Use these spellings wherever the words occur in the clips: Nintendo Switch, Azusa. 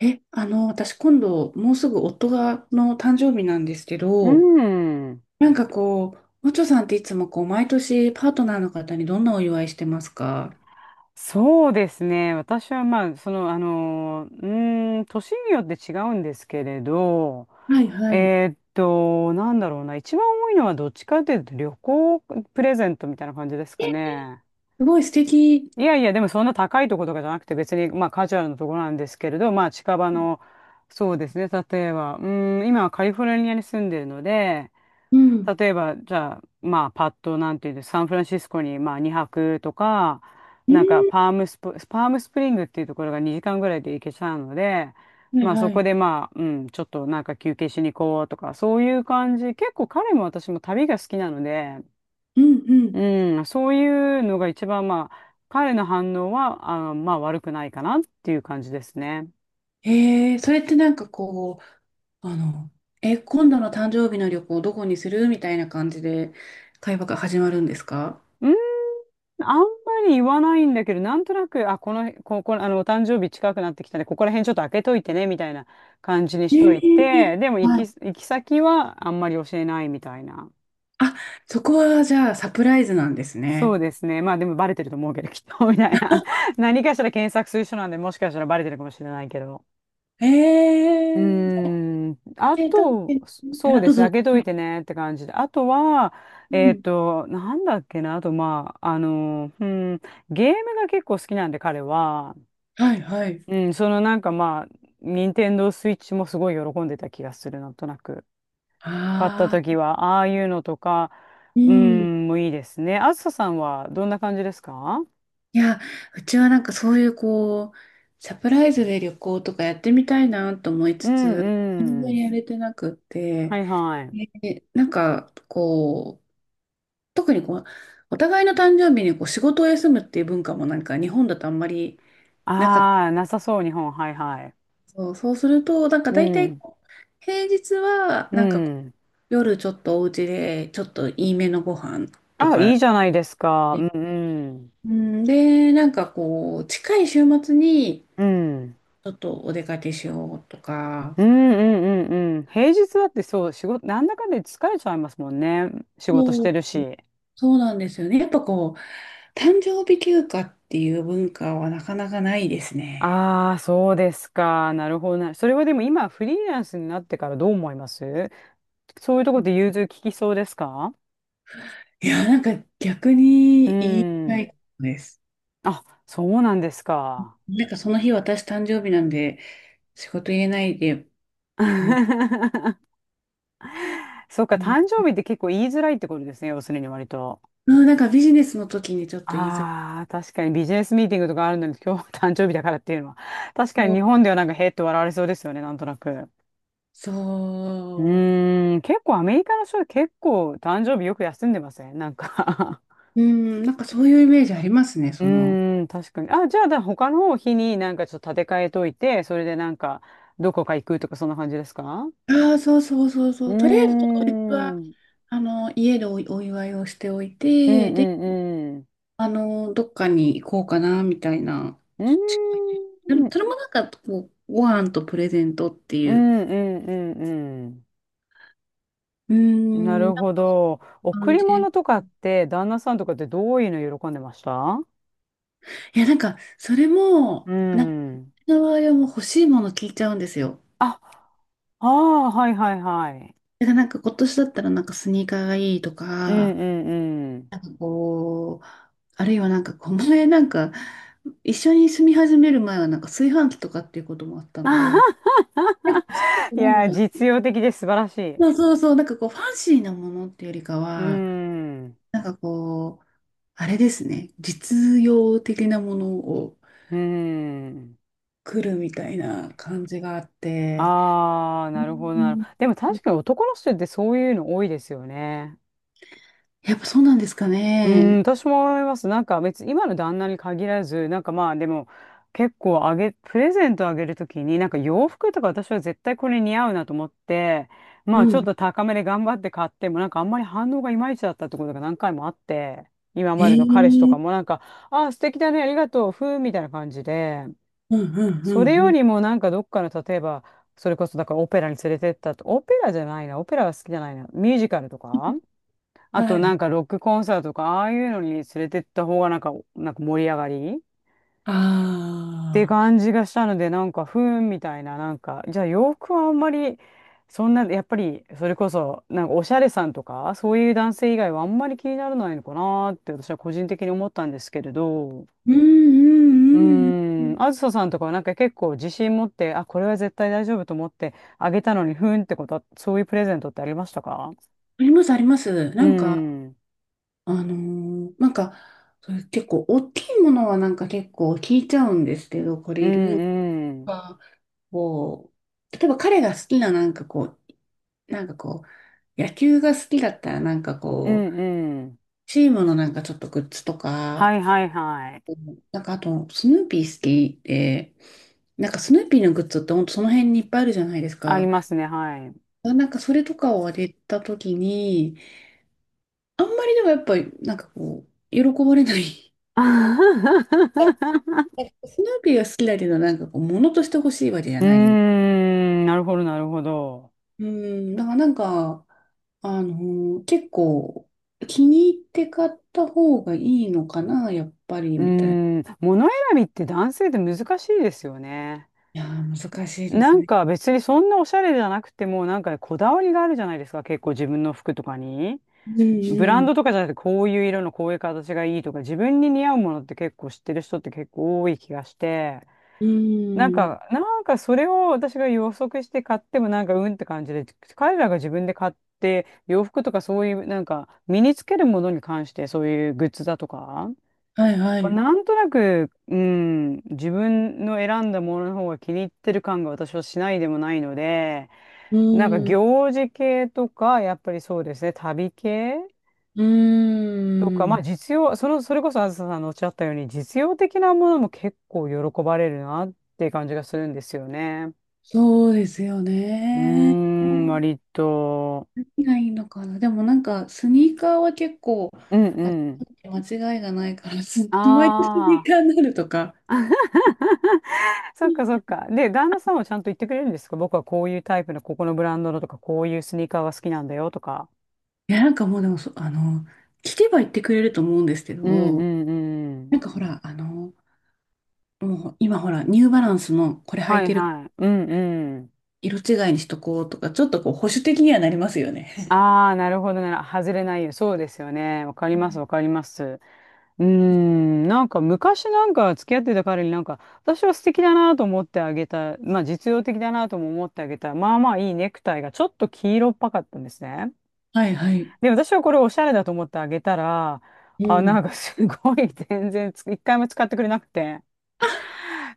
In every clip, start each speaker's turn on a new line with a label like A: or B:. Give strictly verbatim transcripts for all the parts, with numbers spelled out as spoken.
A: え、あの、私今度、もうすぐ夫が、の誕生日なんですけ
B: う
A: ど、
B: ん。
A: なんかこう、おちょさんっていつもこう、毎年パートナーの方にどんなお祝いしてますか？
B: そうですね。私はまあ、その、あの、うーん、年によって違うんですけれど、
A: はいはい。
B: えーっと、なんだろうな。一番多いのはどっちかというと旅行プレゼントみたいな感じです
A: え、
B: かね。
A: すごい素敵。
B: いやいや、でもそんな高いところとかじゃなくて別に、まあカジュアルなところなんですけれど、まあ近場の、そうですね。例えば、うーん、今はカリフォルニアに住んでるので、
A: うん。
B: 例えば、じゃあ、まあ、パッと、なんていうんです、サンフランシスコに、まあ、にはくとか、
A: うん、
B: なんか、パームスプ、パームスプリングっていうところがにじかんぐらいで行けちゃうので、
A: はい
B: まあ、そ
A: は
B: こ
A: い。
B: で、まあ、うん、ちょっとなんか休憩しに行こうとか、そういう感じ。結構彼も私も旅が好きなので、
A: うんうん。
B: うん、そういうのが一番、まあ、彼の反応は、あの、まあ、悪くないかなっていう感じですね。
A: えー、それってなんかこう、あの、え、今度の誕生日の旅行どこにするみたいな感じで会話が始まるんですか？
B: うん、あんまり言わないんだけど、なんとなく、あ、この、こ、こ、あの、お誕生日近くなってきたねここら辺ちょっと開けといてね、みたいな感じにし
A: え
B: といて、
A: ー、
B: でも行
A: は
B: き、
A: い。
B: 行き先はあんまり教えないみたいな。
A: あ、そこはじゃあサプライズなんです
B: そう
A: ね。
B: ですね。まあでもバレてると思うけど、きっと、みたいな。何かしら検索する人なんで、もしかしたらバレてるかもしれないけど。
A: え
B: う
A: えー。
B: ーん。あ
A: 生体
B: と、
A: 検
B: そそ
A: 査、
B: う
A: あ、
B: で
A: どう
B: すね。
A: ぞ。
B: 開けといてねって感じで。あとは、
A: う
B: えっ
A: ん。
B: と、なんだっけな。あと、まあ、あの、うん、ゲームが結構好きなんで、彼は。
A: はい、はい。
B: うん、そのなんかまあ、任天堂スイッチもすごい喜んでた気がする、なんとなく。買った
A: ああ、
B: 時は、ああいうのとか、
A: う
B: う
A: ん。い
B: ん、もういいですね。あずささんはどんな感じですか？
A: や、うちはなんかそういうこう、サプライズで旅行とかやってみたいなと思い
B: う
A: つつ、全
B: んう
A: 然
B: ん。
A: やれてなくって、
B: はいはい。
A: で、なんかこう、特にこう、お互いの誕生日にこう仕事を休むっていう文化もなんか日本だとあんまりなかった。
B: ああ、なさそう、日本。はいはい。
A: そう、そうすると、なんか
B: う
A: 大体
B: ん。
A: こう、平日は
B: う
A: なんかこ
B: ん。
A: 夜ちょっとお家で、ちょっといいめのご飯と
B: あ、
A: か
B: いいじゃないですか。う
A: で、
B: んうん。
A: うん、で、なんかこう、近い週末に、
B: うん。
A: ちょっとお出かけしようとか、
B: うんうんうんうん。平日だってそう、仕事、なんだかんだ言って疲れちゃいますもんね。仕事し
A: そ
B: て
A: う、
B: るし。
A: そうなんですよね。やっぱこう、誕生日休暇っていう文化はなかなかないですね。
B: ああ、そうですか。なるほどな。それはでも今、フリーランスになってからどう思います？そういうところで融通聞きそうですか？
A: いや、なんか逆
B: う
A: に言い
B: ー
A: た
B: ん。
A: いことです。
B: あ、そうなんですか。
A: なんかその日私誕生日なんで、仕事入れないで、もう、
B: そうか、
A: もう、
B: 誕生日って結構言いづらいってことですね。要するに割と。
A: うん、なんかビジネスの時にちょっと言いづらい。
B: ああ、確かにビジネスミーティングとかあるのに今日は誕生日だからっていうのは。確かに日本ではなんかへーって笑われそうですよね。なんとなく。う
A: そう。
B: ーん、結構アメリカの人は結構誕生日よく休んでません？なんか、
A: うん、なんかそういうイメージありますね、
B: う
A: その。
B: ーん、確かに。あ、じゃあ、だ他の方日になんかちょっと立て替えといて、それでなんか、どこか行くとか、そんな感じですか？
A: ああ、そうそうそう
B: う
A: そ
B: ー
A: う。とりあえず当日
B: ん。う
A: は、
B: ん
A: あの、家でお、お祝いをしておい
B: う
A: て、
B: ん
A: で、
B: うん。
A: あの、どっかに行こうかな、みたいな。
B: うー
A: 近い、でも、
B: ん。
A: それもなんか、こう、ご飯とプレゼントって
B: う
A: いう、
B: んうんうん
A: うー
B: うん。な
A: ん、なん
B: るほ
A: か
B: ど。贈
A: 感
B: り
A: じ。
B: 物とかって、旦那さんとかってどういうの喜んでました？
A: いや、なんか、それも、
B: う
A: なんか、
B: ん。
A: うの場合はもう欲しいもの聞いちゃうんですよ。
B: あ、ああ、はいはいはい。
A: だからなんか、今年だったらなんかスニーカーがいいと
B: う
A: か、
B: んうんうん。
A: こう、あるいはなんか、この前なんか、一緒に住み始める前はなんか炊飯器とかっていうこともあったの で、なんかちっちゃく
B: い
A: なんで
B: や
A: し
B: ー、
A: ょうね。
B: 実用的で素晴らしい。う
A: そうそうそう、なんかこう、ファンシーなものっていうよりか
B: ー
A: は、
B: ん。
A: なんかこう、あれですね、実用的なものを
B: うーん。
A: 来るみたいな感じがあって、
B: ああ、
A: う
B: なるほどなるほ
A: ん、
B: ど。でも確かに男の人ってそういうの多いですよね。
A: やっぱそうなんですか
B: うーん、
A: ね。
B: 私も思います。なんか別に今の旦那に限らず、なんかまあでも結構あげ、プレゼントあげるときに、なんか洋服とか私は絶対これ似合うなと思って、ま
A: う
B: あちょっ
A: ん。
B: と高めで頑張って買っても、なんかあんまり反応がいまいちだったってことが何回もあって、今までの彼氏と
A: え
B: か
A: え、
B: もなんか、ああ、素敵だね、ありがとう、ふーみたいな感じで。
A: うんうんう
B: それ
A: んう
B: よ
A: ん。
B: りもなんかどっかの例えばそれこそだからオペラに連れてったと、オペラじゃないな、オペラは好きじゃないな、ミュージカルとかあと
A: はい。あ
B: なんかロックコンサートとかああいうのに連れてった方がなんか、なんか盛り上がりって
A: あ。
B: 感じがしたのでなんかふーんみたいな、なんかじゃあ洋服はあんまりそんなやっぱりそれこそなんかおしゃれさんとかそういう男性以外はあんまり気にならないのかなーって私は個人的に思ったんですけれど。
A: うんう
B: うー
A: んうんうん。
B: ん、あずささんとかはなんか結構自信持って、あ、これは絶対大丈夫と思ってあげたのに、ふーんってことは、そういうプレゼントってありましたか？
A: あります、あります。
B: う
A: なんか、
B: ん、うん、
A: あのーなんか、そういう結構大きいものはなんか結構聞いちゃうんですけど、これ
B: う
A: いる
B: ん、
A: か、こう、例えば彼が好きななんかこう、なんかこう、野球が好きだったらなんか
B: う
A: こう、
B: ん、うん。
A: チームのなんかちょっとグッズとか、
B: はいはいはい。
A: なんかあと、スヌーピー好きで、なんかスヌーピーのグッズってほんとその辺にいっぱいあるじゃないです
B: あり
A: か。
B: ますね、はい。
A: なんかそれとかをあげたときに、あんまりでもやっぱり、なんかこう、喜ばれない。え、 スヌーピーが好きだけど、なんかこう、物として欲しいわけじゃ
B: うー
A: ない。
B: ん、なるほど、なるほど。
A: うん、だからなんか、あのー結構、気に入って買った方がいいのかな、やっぱり、
B: うー
A: みたいな。い
B: ん、物選びって男性って難しいですよね。
A: やー、難しいで
B: な
A: す
B: ん
A: ね。
B: か別にそんなおしゃれじゃなくても、なんかね、こだわりがあるじゃないですか、結構自分の服とかに。
A: う
B: ブラン
A: ん
B: ドとかじゃなくて、こういう色のこういう形がいいとか、自分に似合うものって結構知ってる人って結構多い気がして、
A: うん。
B: なん
A: うん。
B: か、なんかそれを私が予測して買ってもなんかうんって感じで、彼らが自分で買って、洋服とかそういう、なんか身につけるものに関してそういうグッズだとか、
A: はいはい。
B: なんとなく、うん、自分の選んだものの方が気に入ってる感が私はしないでもないので、
A: う
B: なんか
A: ん。
B: 行事系とか、やっぱりそうですね、旅系
A: う
B: とか、ま
A: ん。
B: あ実用、その、それこそあずささんのおっしゃったように、実用的なものも結構喜ばれるなっていう感じがするんですよね。
A: そうですよ
B: うー
A: ね。
B: ん、割と。
A: 何がいいのかな。でもなんか、スニーカーは結構、
B: うん
A: あ、
B: うん。
A: 間違いがないから、すホワイ回スニー
B: あ
A: カーになるとか。
B: あ、そっかそっか。で、旦那さんはちゃんと言ってくれるんですか？僕はこういうタイプの、ここのブランドのとか、こういうスニーカーが好きなんだよとか。
A: いや、なんかもうでもそ、あの、聞けば言ってくれると思うんですけ
B: うんう
A: ど、
B: んうん。
A: なんかほら、あの、もう今ほら、ニューバランスのこれ履
B: は
A: い
B: い
A: てる
B: はい。うんうん。
A: 色違いにしとこうとか、ちょっとこう保守的にはなりますよね。
B: ああ、なるほどな。外れないよ。そうですよね。わかり
A: う
B: ます、
A: ん、
B: わかります。うーん。なんか昔なんか付き合ってた彼になんか、私は素敵だなと思ってあげた。まあ実用的だなとも思ってあげた。まあまあいいネクタイがちょっと黄色っぽかったんですね。
A: はいはい。
B: で、私はこれおしゃれだと思ってあげたら、
A: う
B: あ、なん
A: ん。
B: かすごい全然つ一回も使ってくれなくて。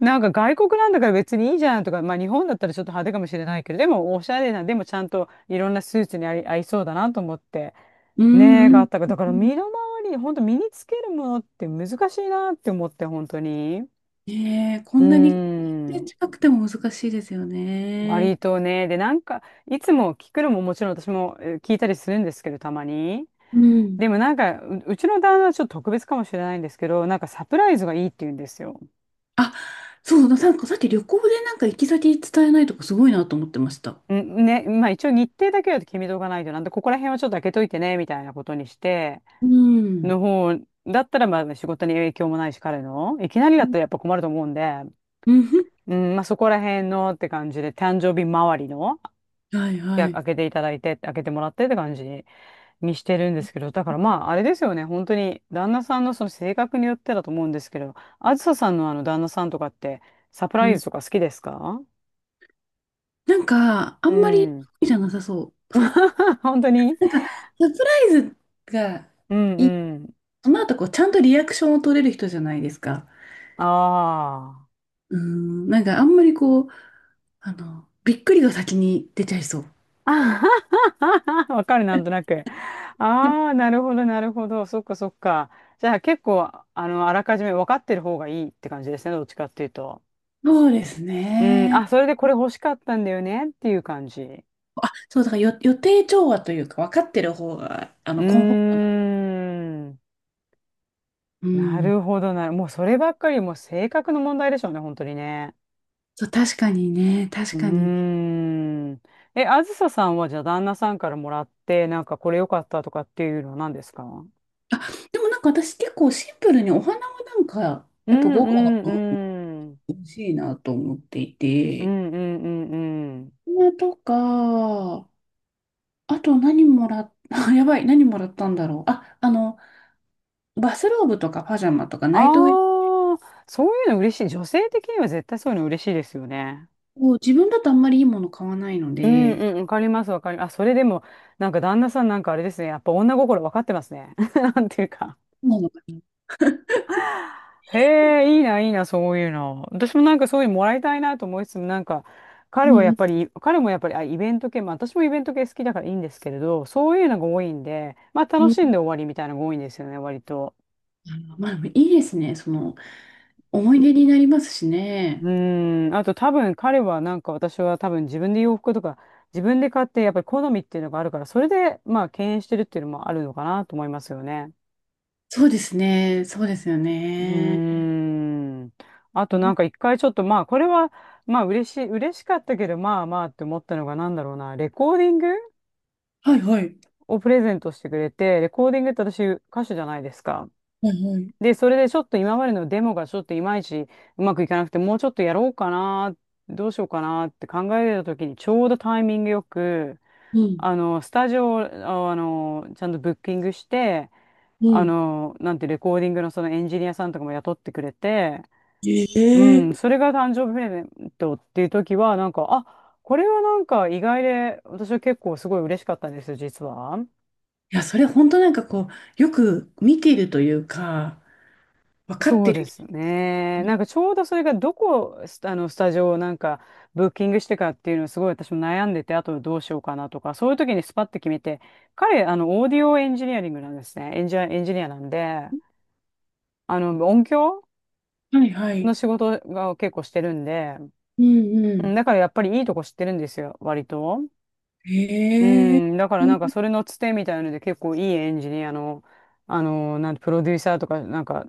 B: なんか外国なんだから別にいいじゃんとか、まあ日本だったらちょっと派手かもしれないけど、でもおしゃれな、でもちゃんといろんなスーツに合い、合いそうだなと思って、
A: う
B: ねえ、
A: んう
B: があっ
A: ん
B: たから、だか
A: う
B: ら
A: ん。
B: 身の回り、本当身につけるものって難しいなって思って、本当に。
A: ねえ、こ
B: うー
A: んなに
B: ん。
A: 近くても難しいですよね。
B: 割とね、で、なんか、いつも聞くのももちろん私もえー聞いたりするんですけど、たまに。
A: うん。
B: でもなんか、う、うちの旦那はちょっと特別かもしれないんですけど、なんかサプライズがいいって言うんですよ。
A: あ、そう、なんかさっき旅行でなんか行き先伝えないとかすごいなと思ってました。
B: んね、まあ一応日程だけは決めとかないとなんで、ここら辺はちょっと開けといてね、みたいなことにして、
A: うん。
B: の方、だったらまあ仕事に影響もないし、彼の、いきなりだ
A: う
B: っ
A: ん
B: たらやっぱ困ると思うんで、
A: うんふん、
B: うん、まあそこら辺のって感じで、誕生日周りの、
A: はい
B: い
A: は
B: や
A: い。
B: 開けていただいて、開けてもらってって感じにしてるんですけど、だからまああれですよね。本当に旦那さんのその性格によってだと思うんですけど、あずささんのあの旦那さんとかって、サプラ
A: う
B: イ
A: ん。
B: ズとか好きですか？
A: なんか、あ
B: う
A: んまり好
B: ん。
A: きじゃなさそう。
B: 本当に。
A: なんか、サプライズが
B: うん
A: いい、
B: うん。
A: その後こう、ちゃんとリアクションを取れる人じゃないですか。
B: ああ。
A: うん。なんか、あんまりこう、あの、びっくりが先に出ちゃいそう。
B: わかる、なんとなく。ああ、なるほど、なるほど。そっか、そっか。じゃあ結構、あの、あらかじめ分かってる方がいいって感じですね。どっちかっていうと。
A: そうです
B: うん。
A: ね。
B: あ、それでこれ欲しかったんだよねっていう感じ。う
A: そう、だからよ予定調和というか、分かってる方が、あ
B: ー
A: の、コンフォート。
B: ん。
A: う
B: な
A: ん。
B: るほどなる。もうそればっかり、もう性格の問題でしょうね、本当にね。
A: そう、確かにね、
B: う
A: 確かに。
B: ーん。え、あずささんはじゃあ旦那さんからもらって、なんかこれ良かったとかっていうのは何ですか？
A: あ、でもなんか私結構シンプルにお花はなんか、
B: う
A: やっぱ
B: ん
A: 豪
B: う
A: 華なのが
B: んうん。
A: 欲しいなと思ってい
B: う
A: て、
B: んうんうんうん。
A: お花とか、あと何もらっ、あ、やばい、何もらったんだろう。あ、あの、バスローブとかパジャマとかナイトウェア
B: ああ、そういうの嬉しい。女性的には絶対そういうの嬉しいですよね。
A: を自分だとあんまりいいもの買わないの
B: うん
A: で、
B: うん、わかります、わかります。あ、それでも、なんか旦那さんなんかあれですね。やっぱ女心わかってますね。なんていうか。
A: そうなのかな。
B: へえ、いいな、いいな、そういうの。私もなんかそういうのもらいたいなと思いつつも、なんか、彼
A: う
B: はやっ
A: ん
B: ぱり、彼もやっぱり、あ、イベント系、まあ私もイベント系好きだからいいんですけれど、そういうのが多いんで、まあ
A: う
B: 楽
A: ん
B: し
A: う
B: ん
A: ん。
B: で終わりみたいなのが多いんですよね、割と。
A: あのまあ、いいですね。その、思い出になりますし
B: う
A: ね。
B: ーん、あと多分彼はなんか私は多分自分で洋服とか自分で買ってやっぱり好みっていうのがあるからそれでまあ敬遠してるっていうのもあるのかなと思いますよね。
A: そうですね。そうですよ
B: う
A: ね。
B: ーん。あとなんか一回ちょっとまあこれはまあ嬉しい、嬉しかったけどまあまあって思ったのがなんだろうな、レコーディング
A: はいはい。
B: をプレゼントしてくれて、レコーディングって私歌手じゃないですか。
A: はいはい。
B: で、それでちょっと今までのデモがちょっといまいちうまくいかなくて、もうちょっとやろうかな、どうしようかなって考えてた時に、ちょうどタイミングよく、
A: うん。
B: あの、スタジオを、ああの、ちゃんとブッキングして、
A: う
B: あ
A: ん。
B: の、なんてレコーディングのそのエンジニアさんとかも雇ってくれて、
A: え
B: う
A: え、
B: ん、それが誕生日プレゼントっていう時は、なんか、あ、これはなんか意外で、私は結構すごい嬉しかったんですよ、実は。
A: いや、それ本当なんかこう、よく見ているというか、分かっ
B: そ
A: て
B: うで
A: る。
B: すね。なんかちょうどそれがどこ、スタあの、スタジオをなんかブッキングしてかっていうのをすごい私も悩んでて、あとどうしようかなとか、そういう時にスパッて決めて、彼、あの、オーディオエンジニアリングなんですね。エンジニア、エンジニアなんで、あの、音響
A: はいは
B: の
A: い。
B: 仕事が結構してるんで、
A: うんう
B: うん、
A: ん。
B: だからやっぱりいいとこ知ってるんですよ、割と。う
A: ええ、
B: ん、だから
A: う
B: なんか
A: ん
B: それのつてみたいので結構いいエンジニアの、あの、なんて、プロデューサーとか、なんか、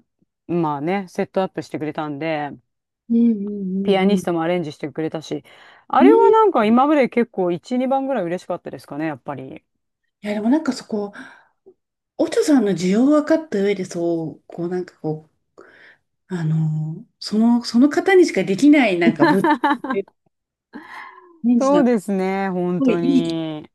B: まあね、セットアップしてくれたんで、
A: うんう
B: ピア
A: んう
B: ニス
A: ん。
B: トもアレンジしてくれたし、あ
A: う
B: れは
A: ん。
B: なんか今まで結構いち、にばんぐらい嬉しかったですかね、やっぱり。
A: いや、でもなんかそこ、おちょさんの需要を分かった上で、そう、こうなんかこう、あのーその、その方にしかできないなんか物件ってレンジ
B: そ
A: な
B: う
A: んか、
B: で
A: す
B: すね、本
A: ごい
B: 当
A: いい
B: に。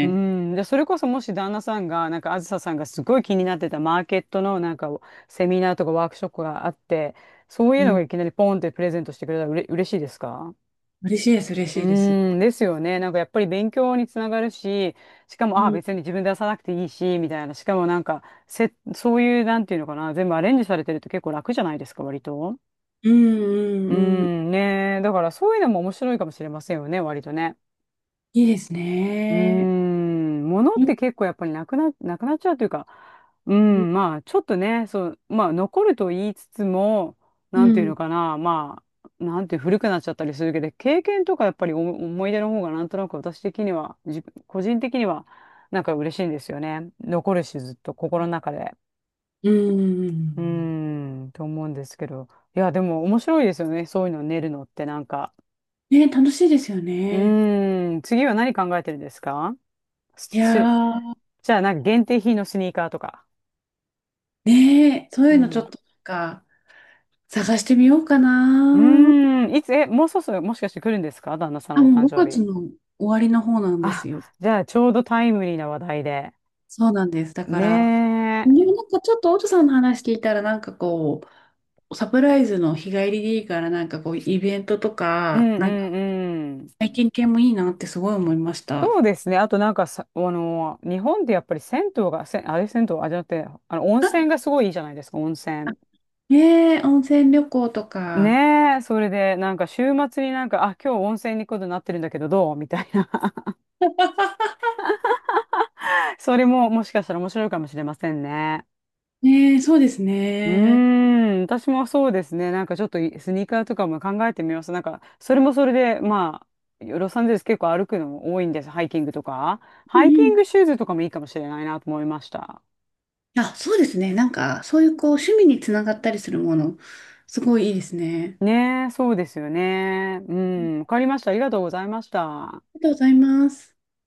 B: うん、で、それこそもし旦那さんが、なんかあずささんがすごい気になってたマーケットのなんかセミナーとかワークショップがあって、そうい
A: う
B: うのが
A: ん。
B: いきなりポンってプレゼントしてくれたらうれ、嬉しいですか？
A: 嬉しいです、嬉
B: う
A: しいです。
B: ーん、ですよね。なんかやっぱり勉強につながるし、しかも、
A: う
B: ああ、
A: ん。
B: 別に自分で出さなくていいし、みたいな。しかもなんか、せ、そういう、なんていうのかな、全部アレンジされてると結構楽じゃないですか、割と。
A: うんう
B: うー
A: んうん。
B: ん、ねえ。だからそういうのも面白いかもしれませんよね、割とね。
A: いいです
B: うー
A: ね。
B: ん、物っ
A: う
B: て
A: ん。
B: 結構やっぱりなくな、なくなっちゃうというか、うん、まあ、ちょっとね、そう、まあ、残ると言いつつも、
A: う
B: なんていう
A: ん。
B: のかな、まあ、なんていう古くなっちゃったりするけど、経験とかやっぱりお思い出の方がなんとなく私的には、自分、個人的には、なんか嬉しいんですよね。残るし、ずっと心の中で。
A: うー
B: う
A: ん。
B: ーん、と思うんですけど。いや、でも面白いですよね、そういうの練るのってなんか。
A: ね、楽しいですよ
B: う
A: ね。
B: ーん、次は何考えてるんですか？す
A: いや
B: す
A: ー、
B: じゃあ、なんか限定品のスニーカーとか。
A: ね、そう
B: う
A: いうのちょ
B: ん。
A: っとなんか探してみようか
B: う
A: な。
B: ーん。いつ、え、もうそろそろもしかして来るんですか旦那さん
A: あ、
B: のお
A: も
B: 誕
A: う
B: 生
A: 5
B: 日。
A: 月の終わりの方なんです
B: あ、
A: よ。
B: じゃあ、ちょうどタイムリーな話題で。
A: そうなんです。だか
B: ね
A: ら、
B: え。
A: ね、なんかちょっとオトさんの話聞いたらなんかこう、サプライズの日帰りでいいからなんかこう、イベントと
B: うん
A: か、
B: う
A: なんか
B: んうん。
A: 体験系もいいなってすごい思いました。
B: そうですね。あとなんかさ、あの、日本ってやっぱり銭湯が、せ、あれ銭湯、あ、じゃなくて、あの、温泉がすごいいいじゃないですか、温泉。
A: ねえ、温泉旅行とか。
B: ねえ、それで、なんか週末になんか、あ、今日温泉に行くことになってるんだけど、どうみたいな。それももしかしたら面白いかもしれませんね。
A: ねえ、そうです
B: うー
A: ね。
B: ん、私もそうですね。なんかちょっといスニーカーとかも考えてみます。なんか、それもそれで、まあ、ロサンゼルス結構歩くの多いんです。ハイキングとか。
A: うん
B: ハイキ
A: う
B: ン
A: ん、
B: グシューズとかもいいかもしれないなと思いました。
A: あ、そうですね。なんか、そういうこう、趣味につながったりするもの、すごいいいですね。
B: ねえ、そうですよね。うん、わかりました。ありがとうございました。
A: ありがとうございます。